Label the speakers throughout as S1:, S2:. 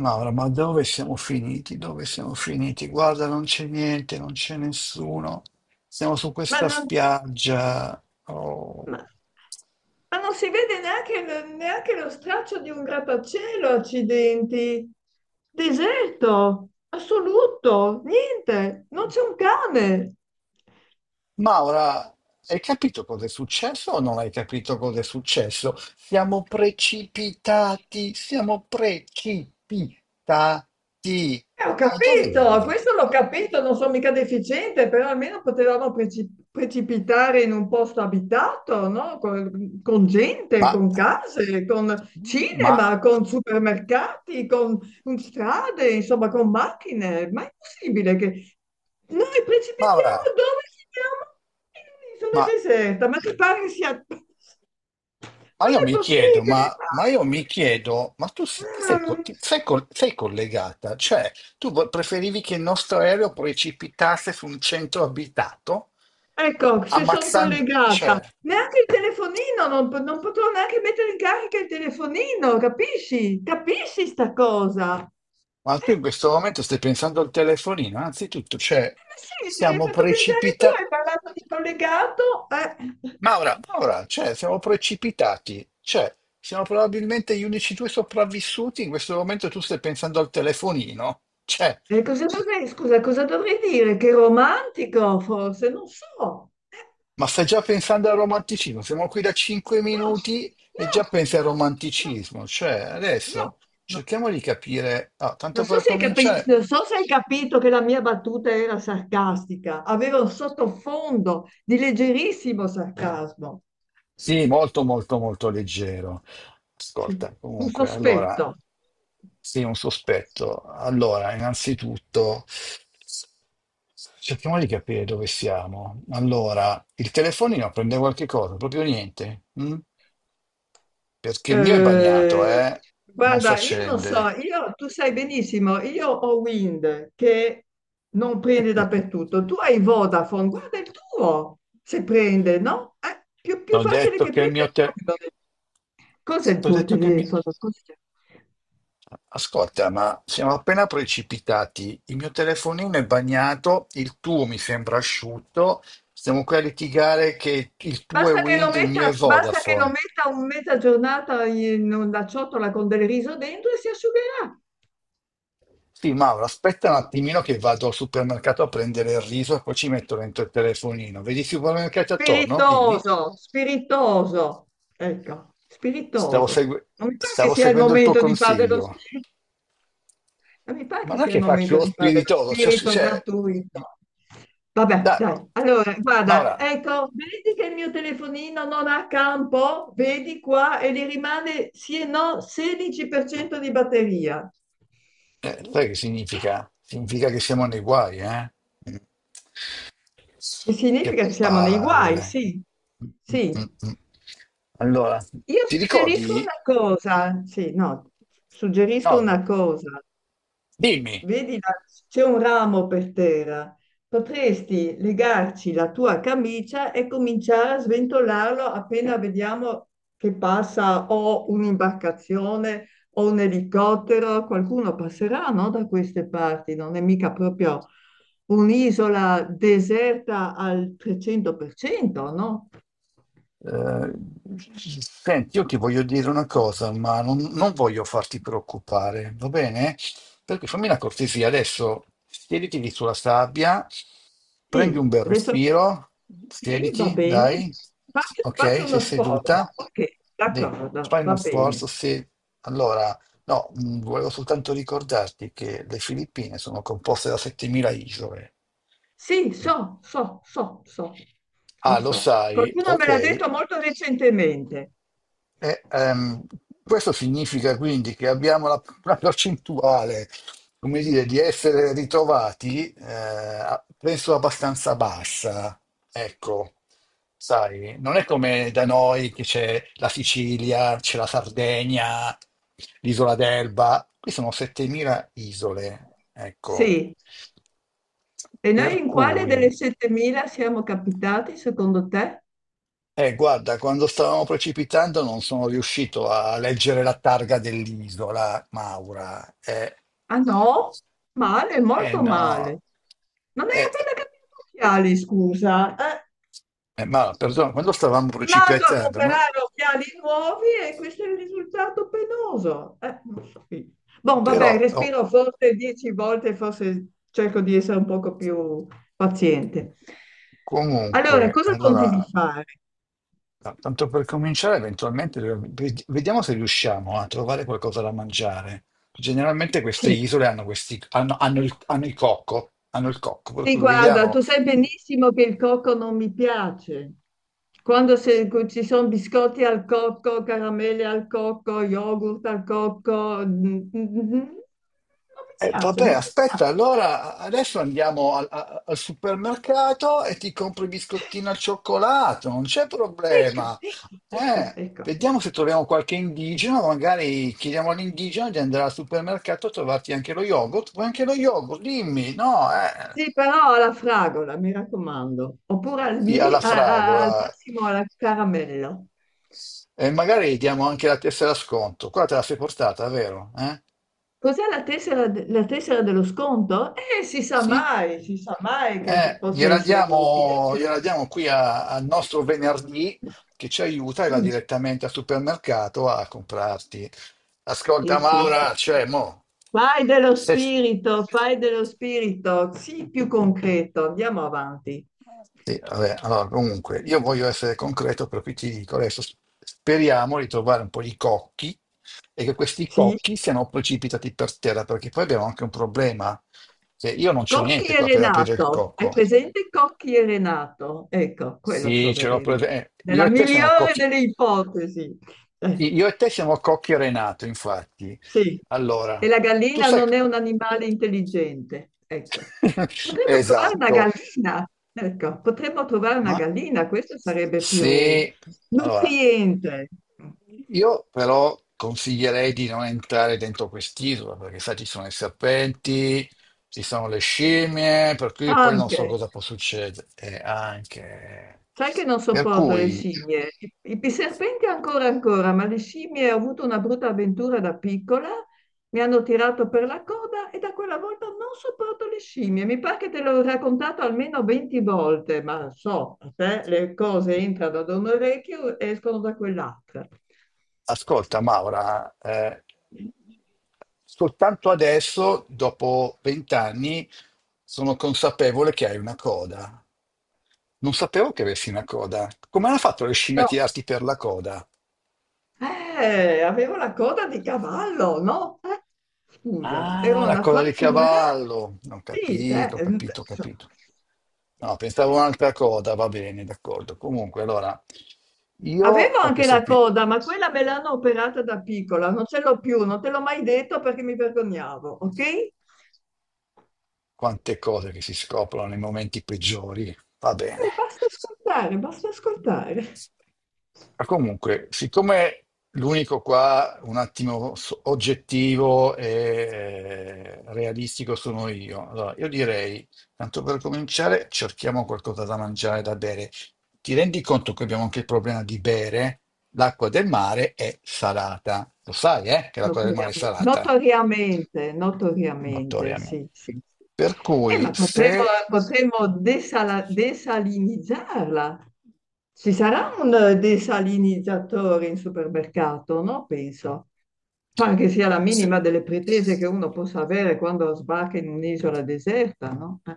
S1: Maura, ma dove siamo finiti? Dove siamo finiti? Guarda, non c'è niente, non c'è nessuno. Siamo su
S2: Ma
S1: questa
S2: non,
S1: spiaggia. Oh,
S2: ma- ma non si vede neanche, neanche lo straccio di un grattacielo, accidenti. Deserto, assoluto, niente, non c'è un cane.
S1: Maura, hai capito cosa è successo o non hai capito cosa è successo? Siamo precipitati, siamo precipitati.
S2: Ho
S1: Ma dove
S2: capito,
S1: vivi?
S2: questo l'ho capito, non sono mica deficiente, però almeno potevamo precipitare in un posto abitato, no? Con gente,
S1: Ma,
S2: con case, con
S1: ma,
S2: cinema, con supermercati, con strade, insomma, con macchine. Ma è possibile che noi
S1: Maura,
S2: precipitiamo dove siamo? In un'isola
S1: ma
S2: deserta, ma ti pare che sia? Non
S1: Io
S2: è
S1: mi chiedo,
S2: possibile.
S1: ma tu si- ti sei, co-
S2: Ah.
S1: ti- sei col- sei collegata? Cioè, tu preferivi che il nostro aereo precipitasse su un centro abitato,
S2: Ecco, se sono
S1: ammazzando.
S2: collegata.
S1: Cioè,
S2: Neanche il telefonino, non potrò neanche mettere in carica il telefonino, capisci? Capisci sta cosa?
S1: ma tu in questo momento stai pensando al telefonino, anzitutto, cioè,
S2: Ma sì, se mi hai
S1: siamo
S2: fatto pensare tu,
S1: precipitati.
S2: hai parlato di collegato.
S1: Maura, Maura, cioè, siamo precipitati, cioè, siamo probabilmente gli unici due sopravvissuti, in questo momento tu stai pensando al telefonino, cioè.
S2: E cosa dovrei, scusa, cosa dovrei dire? Che romantico, forse? Non so. No,
S1: Ma stai già pensando al romanticismo? Siamo qui da 5 minuti e
S2: no,
S1: già pensi al
S2: no, no,
S1: romanticismo. Cioè,
S2: no,
S1: adesso
S2: no.
S1: cerchiamo di capire. Ah, tanto per cominciare,
S2: Non so se hai capito che la mia battuta era sarcastica, aveva un sottofondo di leggerissimo sarcasmo.
S1: sì, molto, molto, molto leggero.
S2: Sì.
S1: Ascolta,
S2: Un
S1: comunque, allora,
S2: sospetto.
S1: sì, un sospetto. Allora, innanzitutto, cerchiamo di capire dove siamo. Allora, il telefonino prende qualche cosa, proprio niente. Mm? Perché il mio è bagnato,
S2: Eh,
S1: eh? Non si
S2: guarda, io non so,
S1: accende.
S2: tu sai benissimo, io ho Wind che non prende dappertutto, tu hai Vodafone, guarda il tuo, se prende, no? È più, più
S1: T'ho
S2: facile
S1: detto
S2: che
S1: che il
S2: prenda
S1: mio.
S2: il tuo. Cos'è il
S1: T'ho
S2: tuo
S1: detto che il mio.
S2: telefono? Scusa.
S1: Ascolta, ma siamo appena precipitati. Il mio telefonino è bagnato, il tuo mi sembra asciutto. Stiamo qui a litigare che il tuo è
S2: Basta che lo
S1: Wind, il mio
S2: metta,
S1: è
S2: basta che lo
S1: Vodafone.
S2: metta un mezza giornata in una ciotola con del riso dentro e si asciugherà.
S1: Sì, Mauro, aspetta un attimino che vado al supermercato a prendere il riso e poi ci metto dentro il telefonino. Vedi i supermercati attorno? Dimmi.
S2: Spiritoso, spiritoso. Ecco,
S1: Stavo,
S2: spiritoso.
S1: segu-
S2: Non mi pare che
S1: stavo
S2: sia il
S1: seguendo il tuo
S2: momento di fare dello
S1: consiglio,
S2: spirito. Non mi pare
S1: ma
S2: che
S1: non è
S2: sia il
S1: che faccio
S2: momento
S1: lo
S2: di fare dello
S1: spiritoso, cioè,
S2: spirito gratuito. Vabbè,
S1: dai, no.
S2: dai. Allora,
S1: Ma
S2: guarda,
S1: ora,
S2: ecco, vedi che il mio telefonino non ha campo? Vedi qua e gli rimane sì e no 16% di batteria.
S1: sai che significa? Significa che siamo nei guai, eh? Mm.
S2: Che
S1: Che
S2: significa che siamo nei guai,
S1: palle.
S2: sì,
S1: Mm, mm,
S2: sì.
S1: mm, mm. Allora,
S2: Io
S1: ti
S2: suggerisco
S1: ricordi?
S2: una cosa, sì, no, suggerisco
S1: No,
S2: una cosa.
S1: dimmi.
S2: Vedi, là, c'è un ramo per terra. Potresti legarci la tua camicia e cominciare a sventolarlo appena vediamo che passa o un'imbarcazione o un elicottero. Qualcuno passerà, no, da queste parti. Non è mica proprio un'isola deserta al 300%, no?
S1: Eh, Senti, io ti voglio dire una cosa, ma non voglio farti preoccupare, va bene? Perché fammi una cortesia, adesso siediti lì sulla sabbia, prendi
S2: Sì,
S1: un bel
S2: adesso sì,
S1: respiro,
S2: sì, va
S1: siediti,
S2: bene.
S1: dai,
S2: Fa-
S1: ok,
S2: Faccio
S1: sei
S2: uno sforzo.
S1: seduta,
S2: Ok,
S1: dì,
S2: d'accordo,
S1: fai
S2: va
S1: uno sforzo,
S2: bene.
S1: se... Allora, no, volevo soltanto ricordarti che le Filippine sono composte da 7.000 isole.
S2: Sì, so, so, so, so, lo
S1: Ah, lo
S2: so.
S1: sai,
S2: Qualcuno me
S1: ok.
S2: l'ha detto molto recentemente.
S1: E, questo significa quindi che abbiamo la percentuale, come dire, di essere ritrovati, penso abbastanza bassa. Ecco, sai, non è come da noi che c'è la Sicilia, c'è la Sardegna, l'isola d'Elba. Qui sono 7.000 isole, ecco.
S2: Sì. E
S1: Per
S2: noi in quale
S1: cui.
S2: delle 7.000 siamo capitati, secondo te?
S1: Guarda, quando stavamo precipitando non sono riuscito a leggere la targa dell'isola, Maura. Eh,
S2: Ah no? Male,
S1: eh,
S2: molto
S1: no,
S2: male. Non hai
S1: eh,
S2: appena cambiato gli occhiali, scusa. Eh,
S1: ma perdona, quando stavamo
S2: Rimasto a
S1: precipitando, no?
S2: comprare occhiali nuovi e questo è il risultato penoso. Non so. Bon,
S1: Però,
S2: vabbè,
S1: oh,
S2: respiro forse 10 volte, forse cerco di essere un poco più paziente. Allora,
S1: comunque,
S2: cosa continui
S1: allora,
S2: a fare?
S1: tanto per cominciare, eventualmente vediamo se riusciamo a trovare qualcosa da mangiare. Generalmente queste
S2: Sì,
S1: isole hanno il cocco, per
S2: sì,
S1: cui
S2: guarda,
S1: vediamo.
S2: tu sai benissimo che il cocco non mi piace. Quando ci sono biscotti al cocco, caramelle al cocco, yogurt al cocco, non mi piace,
S1: Vabbè,
S2: non mi
S1: aspetta,
S2: piace.
S1: allora adesso andiamo al supermercato e ti compro i biscottini al cioccolato, non c'è
S2: Ecco,
S1: problema.
S2: ecco, ecco, ecco.
S1: Vediamo
S2: Ecco.
S1: se troviamo qualche indigeno, magari chiediamo all'indigeno di andare al supermercato a trovarti anche lo yogurt. Vuoi anche lo yogurt? Dimmi, no? Eh?
S2: Sì, però alla fragola, mi raccomando, oppure al,
S1: Sì,
S2: mi-
S1: alla
S2: a- a- al
S1: fragola.
S2: massimo alla caramello.
S1: E magari diamo anche la tessera sconto. Qua te la sei portata, vero? Eh?
S2: Cos'è la tessera, la tessera dello sconto? Si sa
S1: Sì,
S2: mai, si sa mai che possa essere utile,
S1: gliela
S2: certo.
S1: diamo qui al nostro venerdì che ci aiuta e va
S2: Sì,
S1: direttamente al supermercato a comprarti.
S2: sì,
S1: Ascolta,
S2: sì, sì.
S1: Maura, cioè, mo, se... c-
S2: Fai dello spirito, sì, più concreto, andiamo avanti.
S1: sì, vabbè, allora, comunque, io voglio essere concreto, per cui ti dico adesso, speriamo di trovare un po' di cocchi e che questi
S2: Sì.
S1: cocchi siano precipitati per terra, perché poi abbiamo anche un problema, che io non c'ho
S2: Cocchi
S1: niente
S2: e
S1: qua per aprire il
S2: Renato, hai
S1: cocco.
S2: presente Cocchi e Renato? Ecco, quello
S1: Sì, ce l'ho
S2: troveremo.
S1: presa. Io
S2: Nella
S1: e te siamo
S2: migliore
S1: cocchi.
S2: delle ipotesi. Eh,
S1: Sì, io e te siamo cocchi e Renato, infatti.
S2: sì,
S1: Allora,
S2: e la
S1: tu
S2: gallina
S1: sai.
S2: non è un animale intelligente. Ecco, potremmo trovare una
S1: Esatto.
S2: gallina. Ecco, potremmo trovare una
S1: Ma
S2: gallina, questo sarebbe più
S1: se Allora,
S2: nutriente
S1: io però consiglierei di non entrare dentro quest'isola, perché sai, ci sono i serpenti, ci sono le scimmie, per cui poi non so
S2: anche.
S1: cosa può succedere, anche.
S2: Sai che non
S1: Per
S2: sopporto le
S1: cui.
S2: scimmie. I serpenti ancora ancora, ma le scimmie ho avuto una brutta avventura da piccola, mi hanno tirato per la coda e da quella volta non sopporto le scimmie. Mi pare che te l'ho raccontato almeno 20 volte, ma so, a te le cose entrano da un orecchio e escono da quell'altra.
S1: Ascolta, Maura, soltanto adesso, dopo vent'anni, sono consapevole che hai una coda. Non sapevo che avessi una coda. Come hanno fatto le scimmie a
S2: No,
S1: tirarti per la coda?
S2: avevo la coda di cavallo, no? Scusa,
S1: Ah,
S2: ero
S1: la
S2: una
S1: coda di
S2: fanciulla.
S1: cavallo. Ho
S2: Sì,
S1: capito, ho capito, ho
S2: so.
S1: capito. No, pensavo a un'altra coda, va bene, d'accordo. Comunque, allora, io
S2: Avevo
S1: ho
S2: anche
S1: questo
S2: la
S1: qui.
S2: coda, ma quella me l'hanno operata da piccola, non ce l'ho più, non te l'ho mai detto perché mi vergognavo, ok? E
S1: Quante cose che si scoprono nei momenti peggiori. Va bene.
S2: basta ascoltare, basta ascoltare.
S1: Ma comunque, siccome l'unico qua un attimo oggettivo e realistico sono io, allora io direi, tanto per cominciare, cerchiamo qualcosa da mangiare, da bere. Ti rendi conto che abbiamo anche il problema di bere? L'acqua del mare è salata. Lo sai, che l'acqua del mare è
S2: Notoriamente,
S1: salata?
S2: notoriamente, notoriamente,
S1: Notoriamente.
S2: sì, sì. Sì.
S1: Per cui
S2: Ma potremmo,
S1: se,
S2: desalinizzarla. Ci sarà un desalinizzatore in supermercato, no? Penso. Pare che sia la
S1: se-
S2: minima delle pretese che uno possa avere quando sbarca in un'isola deserta, no?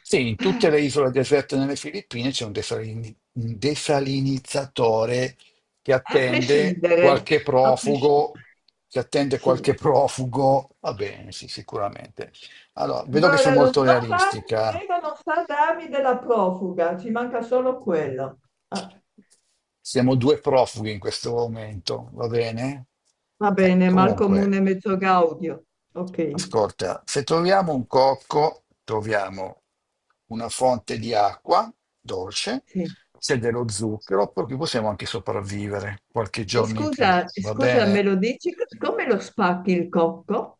S1: Sì, in tutte le isole deserte nelle Filippine c'è un desalinizzatore che
S2: A
S1: attende
S2: prescindere,
S1: qualche
S2: a
S1: profugo,
S2: prescindere. Sì.
S1: va bene, sì, sicuramente. Allora, vedo che sei
S2: Guarda, non
S1: molto
S2: no, Carmen
S1: realistica.
S2: Vega non sa darmi della profuga, ci manca solo quello. Ah,
S1: Siamo due profughi in questo momento, va bene?
S2: va bene, mal
S1: Comunque,
S2: comune mezzo gaudio. Ok,
S1: ascolta, se troviamo un cocco, troviamo una fonte di acqua dolce,
S2: sì.
S1: se dello zucchero, perché possiamo anche sopravvivere qualche
S2: E
S1: giorno in più,
S2: scusa,
S1: va
S2: scusa, me
S1: bene?
S2: lo dici? Come lo spacchi il cocco?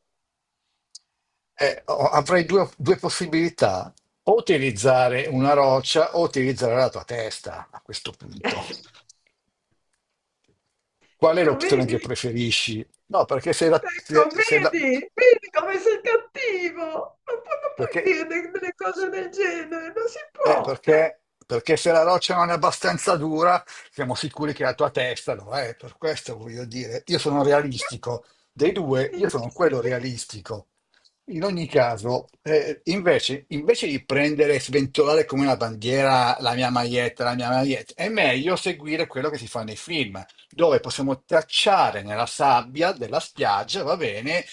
S1: Avrei due possibilità, o utilizzare una roccia o utilizzare la tua testa a questo punto. Qual è
S2: Ecco,
S1: l'opzione che
S2: vedi?
S1: preferisci? No, perché se la, se-
S2: Ecco,
S1: se la-
S2: vedi? Vedi come sei cattivo? Non puoi
S1: perché
S2: dire delle cose del genere, non si
S1: Eh,
S2: può.
S1: perché, perché se la roccia non è abbastanza dura, siamo sicuri che la tua testa lo è. Per questo voglio dire, io sono realistico. Dei due, io sono quello realistico. In ogni caso, invece di prendere e sventolare come una bandiera la mia maglietta, è meglio seguire quello che si fa nei film, dove possiamo tracciare nella sabbia della spiaggia, va bene,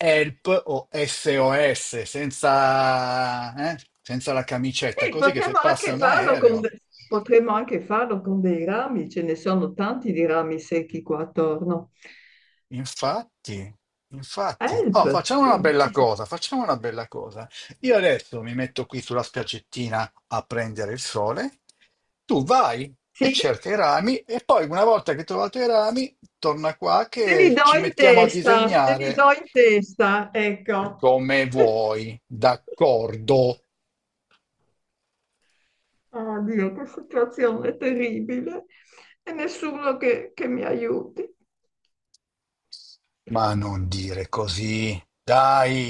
S1: help o SOS senza la camicetta,
S2: Sì,
S1: così che se passa un aereo.
S2: potremmo anche farlo con dei rami, ce ne sono tanti di rami secchi qua attorno.
S1: Infatti, infatti.
S2: Help,
S1: Oh, facciamo una
S2: sì,
S1: bella
S2: sì,
S1: cosa, facciamo una bella cosa. Io adesso mi metto qui sulla spiaggettina a prendere il sole, tu vai e
S2: sì,
S1: cerca i rami e poi una volta che hai trovato i rami, torna qua
S2: te li
S1: che
S2: do
S1: ci
S2: in
S1: mettiamo a
S2: testa, te li do
S1: disegnare
S2: in testa, ecco.
S1: come vuoi, d'accordo?
S2: Oh Dio, che situazione terribile. E nessuno che mi aiuti.
S1: Ma non dire così, dai!